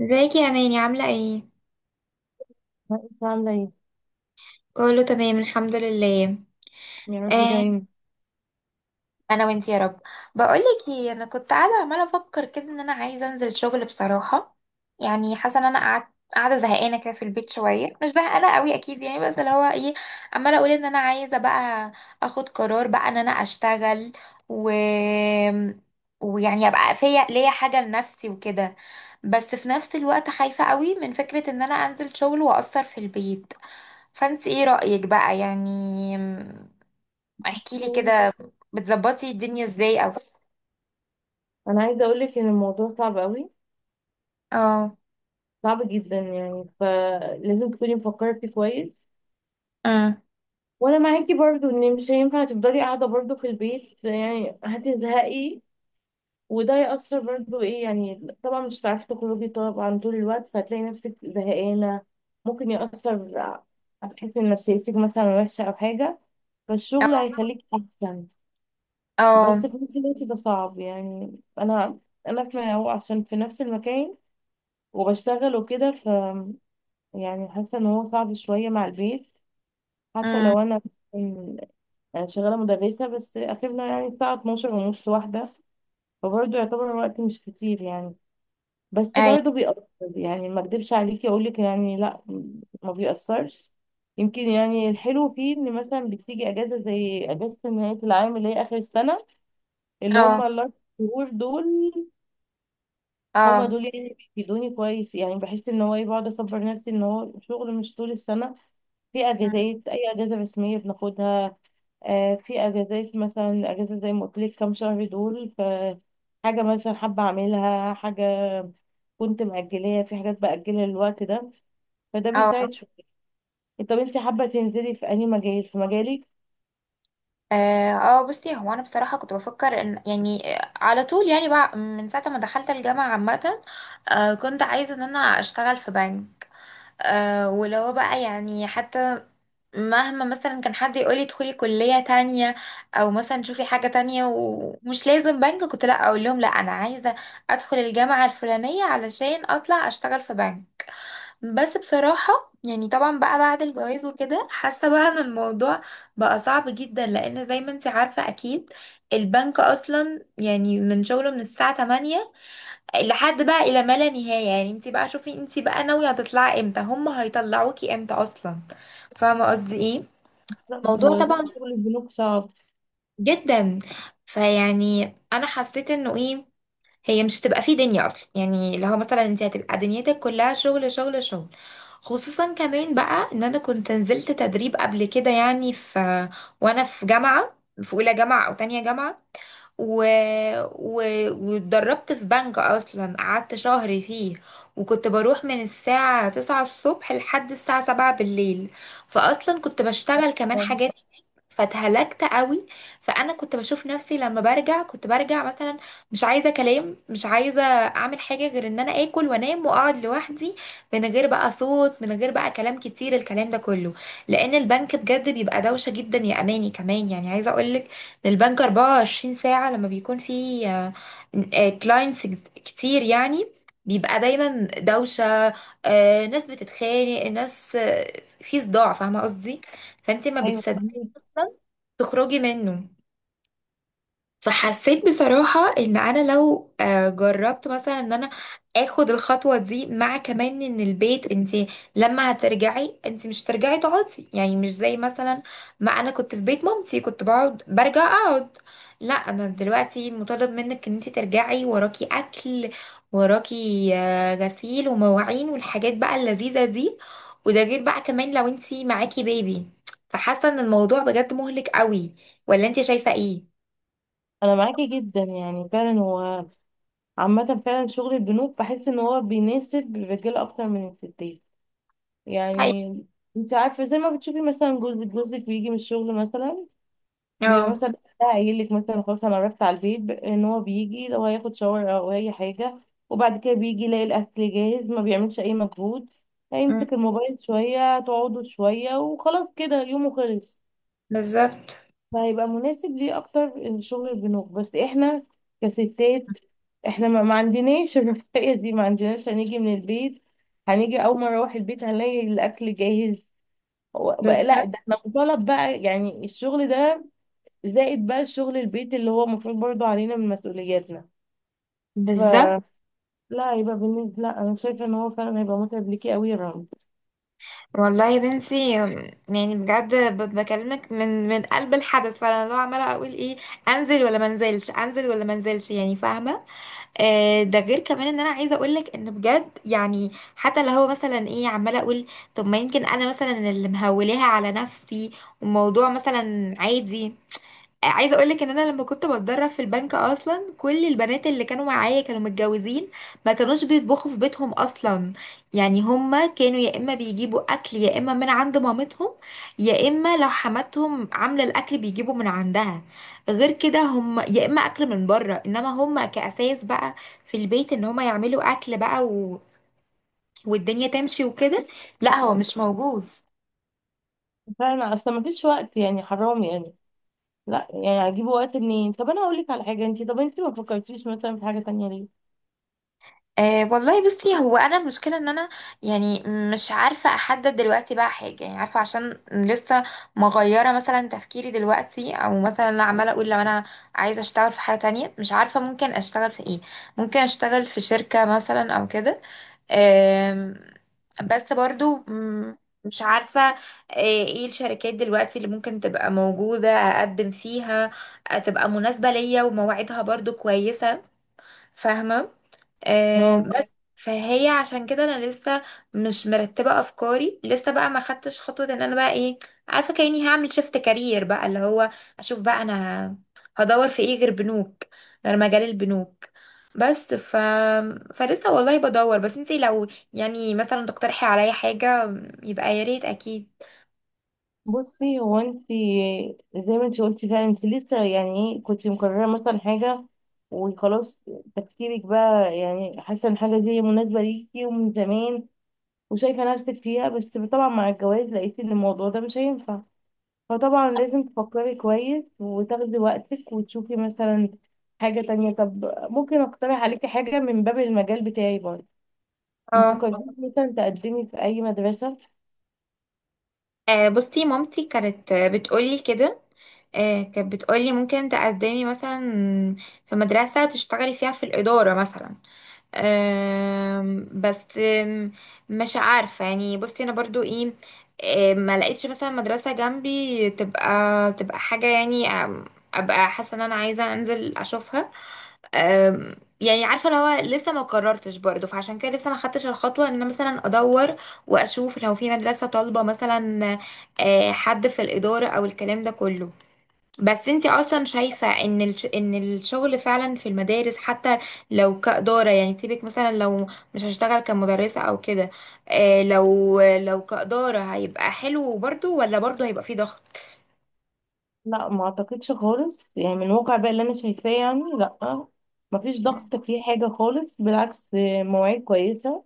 ازيك يا اماني؟ عامله ايه؟ انت عامله ايه؟ كله تمام الحمد لله. يا رب آه، دايما. انا وانتي يا رب. بقولك ايه، انا كنت قاعده عماله افكر كده ان انا عايزه انزل شغل بصراحه. يعني حاسه ان انا قعدت قاعده زهقانه كده في البيت شويه، مش زهقانه قوي اكيد يعني، بس اللي هو ايه، عماله اقول ان انا عايزه بقى اخد قرار بقى ان انا اشتغل و ويعني ابقى فيا ليا حاجه لنفسي وكده. بس في نفس الوقت خايفه قوي من فكره ان انا انزل شغل واثر في البيت. فانت ايه رايك بقى يعني؟ احكي لي كده، بتظبطي الدنيا ازاي؟ او انا عايزه اقول لك ان الموضوع صعب قوي. اه. صعب جدا، يعني فلازم تكوني مفكره فيه كويس. اه. وانا معاكي برضو ان مش هينفع تفضلي قاعده برضو في البيت، يعني هتزهقي. وده يأثر برضو ايه، يعني طبعا مش هتعرفي تخرجي طبعا طول الوقت فهتلاقي نفسك زهقانه. ممكن يأثر. هتحسي ان نفسيتك مثلا وحشه او حاجه. فالشغل هيخليك احسن. اه. بس في نفس الوقت ده صعب، يعني انا في هو عشان في نفس المكان. وبشتغل وكده يعني حاسه ان هو صعب شويه مع البيت. حتى اه. لو انا أنا شغاله مدرسه، بس اخرنا يعني الساعه 12 ونص واحده. فبرضه يعتبر الوقت مش كتير يعني. بس اي. برضه بيأثر. يعني ما اكدبش عليكي اقول لك يعني لا، ما بيأثرش. يمكن يعني الحلو فيه ان مثلا بتيجي اجازه زي اجازه نهايه العام اللي هي اخر السنه، اللي هم اه. الاربع شهور دول. هما اه. دول يعني اللي بيفيدوني كويس، يعني بحس ان هو ايه بقعد اصبر نفسي ان هو شغل مش طول السنه. في أم، اجازات، اي اجازه رسميه بناخدها. في اجازات مثلا اجازه زي ما قلت لك كام شهر دول، ف حاجه مثلا حابه اعملها، حاجه كنت مأجلاها، في حاجات بأجلها للوقت ده. فده اه. بيساعد شويه. طب انت حابه تنزلي في اي مجال، في مجالك؟ اه. بصي، هو انا بصراحه كنت بفكر ان يعني، على طول يعني، بقى من ساعه ما دخلت الجامعه عامه كنت عايزه ان انا اشتغل في بنك. ولو بقى يعني، حتى مهما مثلا كان حد يقولي ادخلي كلية تانية او مثلا شوفي حاجة تانية ومش لازم بنك، كنت لا اقول لهم لا، انا عايزة ادخل الجامعة الفلانية علشان اطلع اشتغل في بنك. بس بصراحة يعني، طبعا بقى بعد الجواز وكده، حاسة بقى ان الموضوع بقى صعب جدا، لان زي ما انت عارفة اكيد البنك اصلا يعني من شغله من الساعة 8 لحد بقى الى ما لا نهايه. يعني انت بقى شوفي انت بقى ناويه هتطلعي امتى، هم هيطلعوكي امتى اصلا. فاهمه قصدي ايه؟ بالظبط، الموضوع هو لا، طبعا شغل البنوك صعب. جدا. فيعني انا حسيت انه ايه، هي مش هتبقى في دنيا اصلا، يعني لو مثلا انت هتبقى دنيتك كلها شغل شغل شغل. خصوصا كمان بقى ان انا كنت نزلت تدريب قبل كده يعني، في، وانا في جامعه، في اولى جامعه او تانية جامعه و... و... واتدربت في بنك اصلا، قعدت شهر فيه، وكنت بروح من الساعة تسعة الصبح لحد الساعة سبعة بالليل. فاصلا كنت بشتغل كمان آه، حاجات، فاتهلكت قوي. فانا كنت بشوف نفسي لما برجع كنت برجع مثلا مش عايزه كلام، مش عايزه اعمل حاجه غير ان انا اكل وانام واقعد لوحدي، من غير بقى صوت، من غير بقى كلام كتير، الكلام ده كله، لان البنك بجد بيبقى دوشه جدا يا اماني. كمان يعني، عايزه اقول لك ان البنك 24 ساعه لما بيكون في كلاينتس كتير يعني بيبقى دايما دوشه. ناس بتتخانق، ناس في صداع. فاهمه قصدي؟ فانت ما ايوه، بتصدقي فهمت. تخرجي منه. فحسيت بصراحة ان انا لو جربت مثلا ان انا اخد الخطوة دي، مع كمان ان البيت، انت لما هترجعي انت مش هترجعي تقعدي يعني، مش زي مثلا ما انا كنت في بيت مامتي كنت بقعد برجع اقعد. لا، انا دلوقتي مطالب منك ان انت ترجعي وراكي اكل، وراكي غسيل ومواعين والحاجات بقى اللذيذة دي. وده غير بقى كمان لو انت معاكي بيبي. فحاسة ان الموضوع بجد مهلك قوي. ولا انت شايفة ايه؟ انا معاكي جدا، يعني فعلا هو عامة فعلا شغل البنوك بحس ان هو بيناسب الرجالة اكتر من الستات. يعني انت عارفة زي ما بتشوفي، مثلا جوزك بيجي من الشغل. مثلا بيبقى اه. مثلا ده قايل لك مثلا خلاص انا رحت على البيت، ان هو بيجي لو هياخد شاور او اي حاجة. وبعد كده بيجي يلاقي الاكل جاهز، ما بيعملش اي مجهود. مم. هيمسك الموبايل شوية، تقعدوا شوية وخلاص كده يومه خلص. بالظبط. فهيبقى مناسب ليه اكتر الشغل البنوك، بس احنا كستات احنا ما عندناش الرفاهية دي، ما عندناش هنيجي من البيت هنيجي، اول ما اروح البيت هنلاقي الاكل جاهز. هو بقى لا، ده بالظبط. احنا مطالب بقى يعني الشغل ده، زائد بقى الشغل البيت اللي هو المفروض برضو علينا من مسؤولياتنا. بالظبط. فلا، هيبقى بالنسبة لا انا شايفة ان هو فعلا هيبقى متعب ليكي قوي يا رامي. والله يا بنتي، يعني بجد بكلمك من قلب الحدث. فانا لو عماله اقول ايه، انزل ولا ما انزلش، انزل ولا ما انزلش يعني، فاهمه؟ ده غير كمان ان انا عايزه اقول لك ان بجد يعني، حتى اللي هو مثلا ايه، عماله اقول طب ما يمكن انا مثلا اللي مهولاها على نفسي، والموضوع مثلا عادي. عايزه اقول لك ان انا لما كنت بتدرب في البنك اصلا، كل البنات اللي كانوا معايا كانوا متجوزين، ما كانوش بيطبخوا في بيتهم اصلا. يعني هما كانوا يا اما بيجيبوا اكل يا اما من عند مامتهم، يا اما لو حماتهم عامله الاكل بيجيبوا من عندها. غير كده هم يا اما اكل من بره، انما هما كاساس بقى في البيت ان هما يعملوا اكل بقى والدنيا تمشي وكده، لا هو مش موجود. فعلا اصلا ما فيش وقت، يعني حرام يعني. لا يعني هجيب وقت منين؟ طب انا هقول لك على حاجه، انت طب انت ما فكرتيش مثلا في حاجه تانية ليه؟ أه والله، بصي هو انا المشكله ان انا يعني مش عارفه احدد دلوقتي بقى حاجه، يعني عارفه عشان لسه مغيره مثلا تفكيري دلوقتي. او مثلا انا عماله اقول لو انا عايزه اشتغل في حاجه تانية، مش عارفه ممكن اشتغل في ايه. ممكن اشتغل في شركه مثلا او كده. أم، بس برضو، مش عارفه ايه الشركات دلوقتي اللي ممكن تبقى موجوده اقدم فيها، تبقى مناسبه ليا ومواعيدها برضو كويسه. فاهمه؟ اه، بس فهي عشان كده انا لسه مش مرتبه افكاري، لسه بقى ما خدتش خطوه ان انا بقى ايه، عارفه، كاني هعمل شيفت كارير بقى، اللي هو اشوف بقى انا هدور في ايه غير بنوك، غير مجال البنوك. بس ف فلسه والله بدور. بس انتي لو يعني مثلا تقترحي عليا حاجه يبقى يا ريت اكيد. بصي هو انت زي ما انت قلتي فعلا انت لسه يعني ايه، كنت مقرره مثلا حاجه وخلاص، تفكيرك بقى يعني حاسه ان الحاجه دي مناسبه ليكي ومن زمان وشايفه نفسك فيها. بس طبعا مع الجواز لقيتي ان الموضوع ده مش هينفع، فطبعا لازم تفكري كويس وتاخدي وقتك وتشوفي مثلا حاجه تانية. طب ممكن اقترح عليكي حاجه من باب المجال بتاعي برضه، ما اه. فكرتيش مثلا تقدمي في اي مدرسه؟ بصي مامتي كانت بتقولي كده، كانت بتقولي ممكن تقدمي مثلا في مدرسة تشتغلي فيها في الإدارة مثلا. بس مش عارفة يعني. بصي أنا برضو إيه، ما لقيتش مثلا مدرسة جنبي تبقى حاجة يعني، أبقى حاسة إن أنا عايزة أنزل أشوفها. أم، يعني عارفه اللي هو لسه ما قررتش برضه، فعشان كده لسه ما خدتش الخطوه ان انا مثلا ادور واشوف لو في مدرسه طالبه مثلا، حد في الاداره او الكلام ده كله. بس انتي اصلا شايفه ان ان الشغل فعلا في المدارس، حتى لو كاداره يعني، سيبك مثلا لو مش هشتغل كمدرسه او كده، لو كاداره هيبقى حلو برضه، ولا برضه هيبقى فيه ضغط؟ لا ما اعتقدش خالص، يعني من الواقع بقى اللي انا شايفاه يعني لا، ما فيش ضغط في حاجه خالص، بالعكس مواعيد كويسه.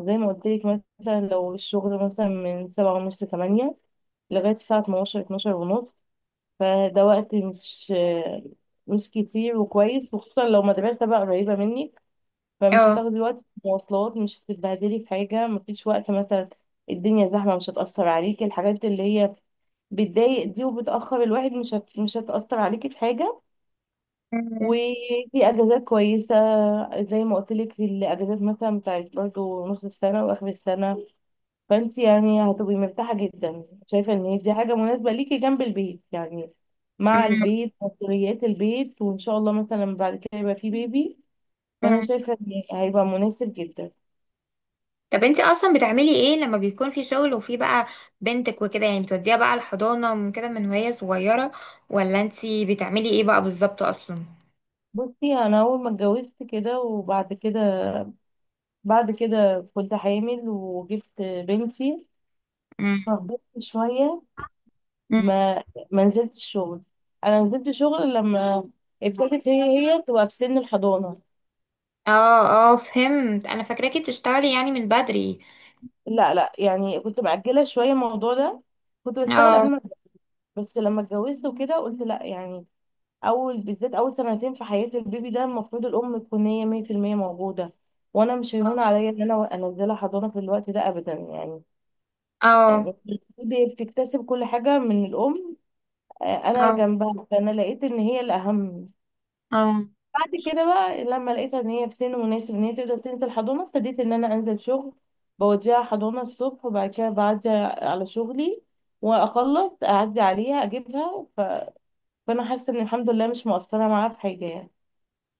زي ما قلت لك مثلا لو الشغل مثلا من سبعة ونص لتمانية، لغايه الساعه 12 ونص. فده وقت مش كتير وكويس، وخصوصا لو مدرسه بقى قريبه منك، فمش اه. هتاخدي وقت في المواصلات، مش هتتبهدلي في حاجه، مفيش وقت مثلا الدنيا زحمه، مش هتاثر عليكي الحاجات اللي هي بتضايق دي وبتأخر الواحد، مش هتأثر عليكي في حاجة. وفي أجازات كويسة، زي ما قلت لك الأجازات مثلا بتاعت برضو نص السنة وآخر السنة. فأنت يعني هتبقي مرتاحة جدا، شايفة إن هي دي حاجة مناسبة ليكي جنب البيت، يعني مع البيت، مسؤوليات البيت، وإن شاء الله مثلا بعد كده يبقى في بيبي. فأنا شايفة إن هيبقى مناسب جدا. طب انت اصلا بتعملي ايه لما بيكون في شغل وفي بقى بنتك وكده يعني؟ بتوديها بقى الحضانة من كده، من وهي صغيرة؟ ولا انت بتعملي ايه بقى بالظبط اصلا؟ بصي أنا أول ما اتجوزت كده وبعد كده كنت حامل وجبت بنتي. مم. فخبطت شوية، مم. ما ما نزلتش شغل. انا نزلت شغل لما ابتدت هي تبقى في سن الحضانه. اه اه، فهمت. انا فاكراكي بتشتغلي يعني من بدري. لا لا، يعني كنت مأجله شويه الموضوع ده، كنت بشتغل اه. قبل ما أتجوز. بس لما اتجوزت وكده قلت لا، يعني اول بالذات اول سنتين في حياه البيبي ده المفروض الام تكون هي 100% موجوده. وانا مش هيهون عليا ان انا انزلها حضانه في الوقت ده ابدا يعني. اه. يعني البيبي بتكتسب كل حاجه من الام. آه، انا اه. جنبها، فانا لقيت ان هي الاهم. اه. بعد كده بقى لما لقيتها ان هي في سن مناسب ان هي تقدر تنزل حضانه ابتديت ان انا انزل شغل. بوديها حضانه الصبح وبعد كده بعدي على شغلي واخلص اعدي عليها اجيبها فانا حاسه ان الحمد لله مش مؤثره معاها في حاجه يعني.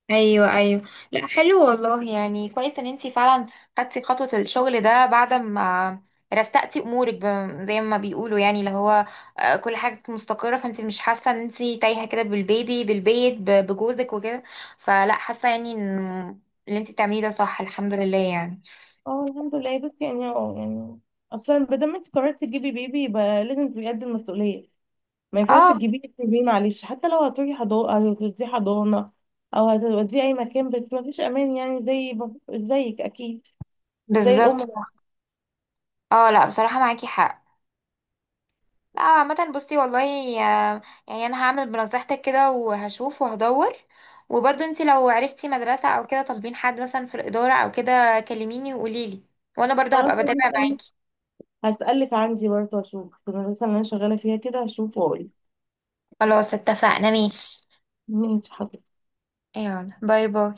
ايوه ايوه. لا حلو والله، يعني كويس ان انتي فعلا خدتي خطوه الشغل ده بعد ما رستقتي امورك، زي ما بيقولوا يعني، اللي هو كل حاجه كانت مستقره، فانتي مش حاسه ان انتي تايهه كده بالبيبي بالبيت بجوزك وكده. فلا حاسه يعني ان اللي انتي بتعمليه ده صح الحمد لله يعني. اه الحمد لله، بس يعني يعني اصلا بدل ما دام انت قررتي تجيبي بيبي يبقى لازم تبقي قد المسؤوليه. ما ينفعش اه. تجيبيه تسيبيه، معلش حتى لو هتروحي حضانه هتوديه حضانه او هتوديه اي مكان، بس ما فيش امان يعني، زيك اكيد، زي بالظبط، الام. صح. اه لا بصراحه معاكي حق. لا عامة بصي والله، آه، يعني انا هعمل بنصيحتك كده وهشوف وهدور. وبرضه انت لو عرفتي مدرسة او كده طالبين حد مثلا في الإدارة او كده كلميني وقوليلي، وانا برضه خلاص، هبقى بتابع هسألك معاكي. هسألك عندي برضه، أشوف في المدرسة اللي أنا شغالة فيها كده هشوف وأقول. خلاص اتفقنا، ماشي. ماشي حاضر. يلا باي باي.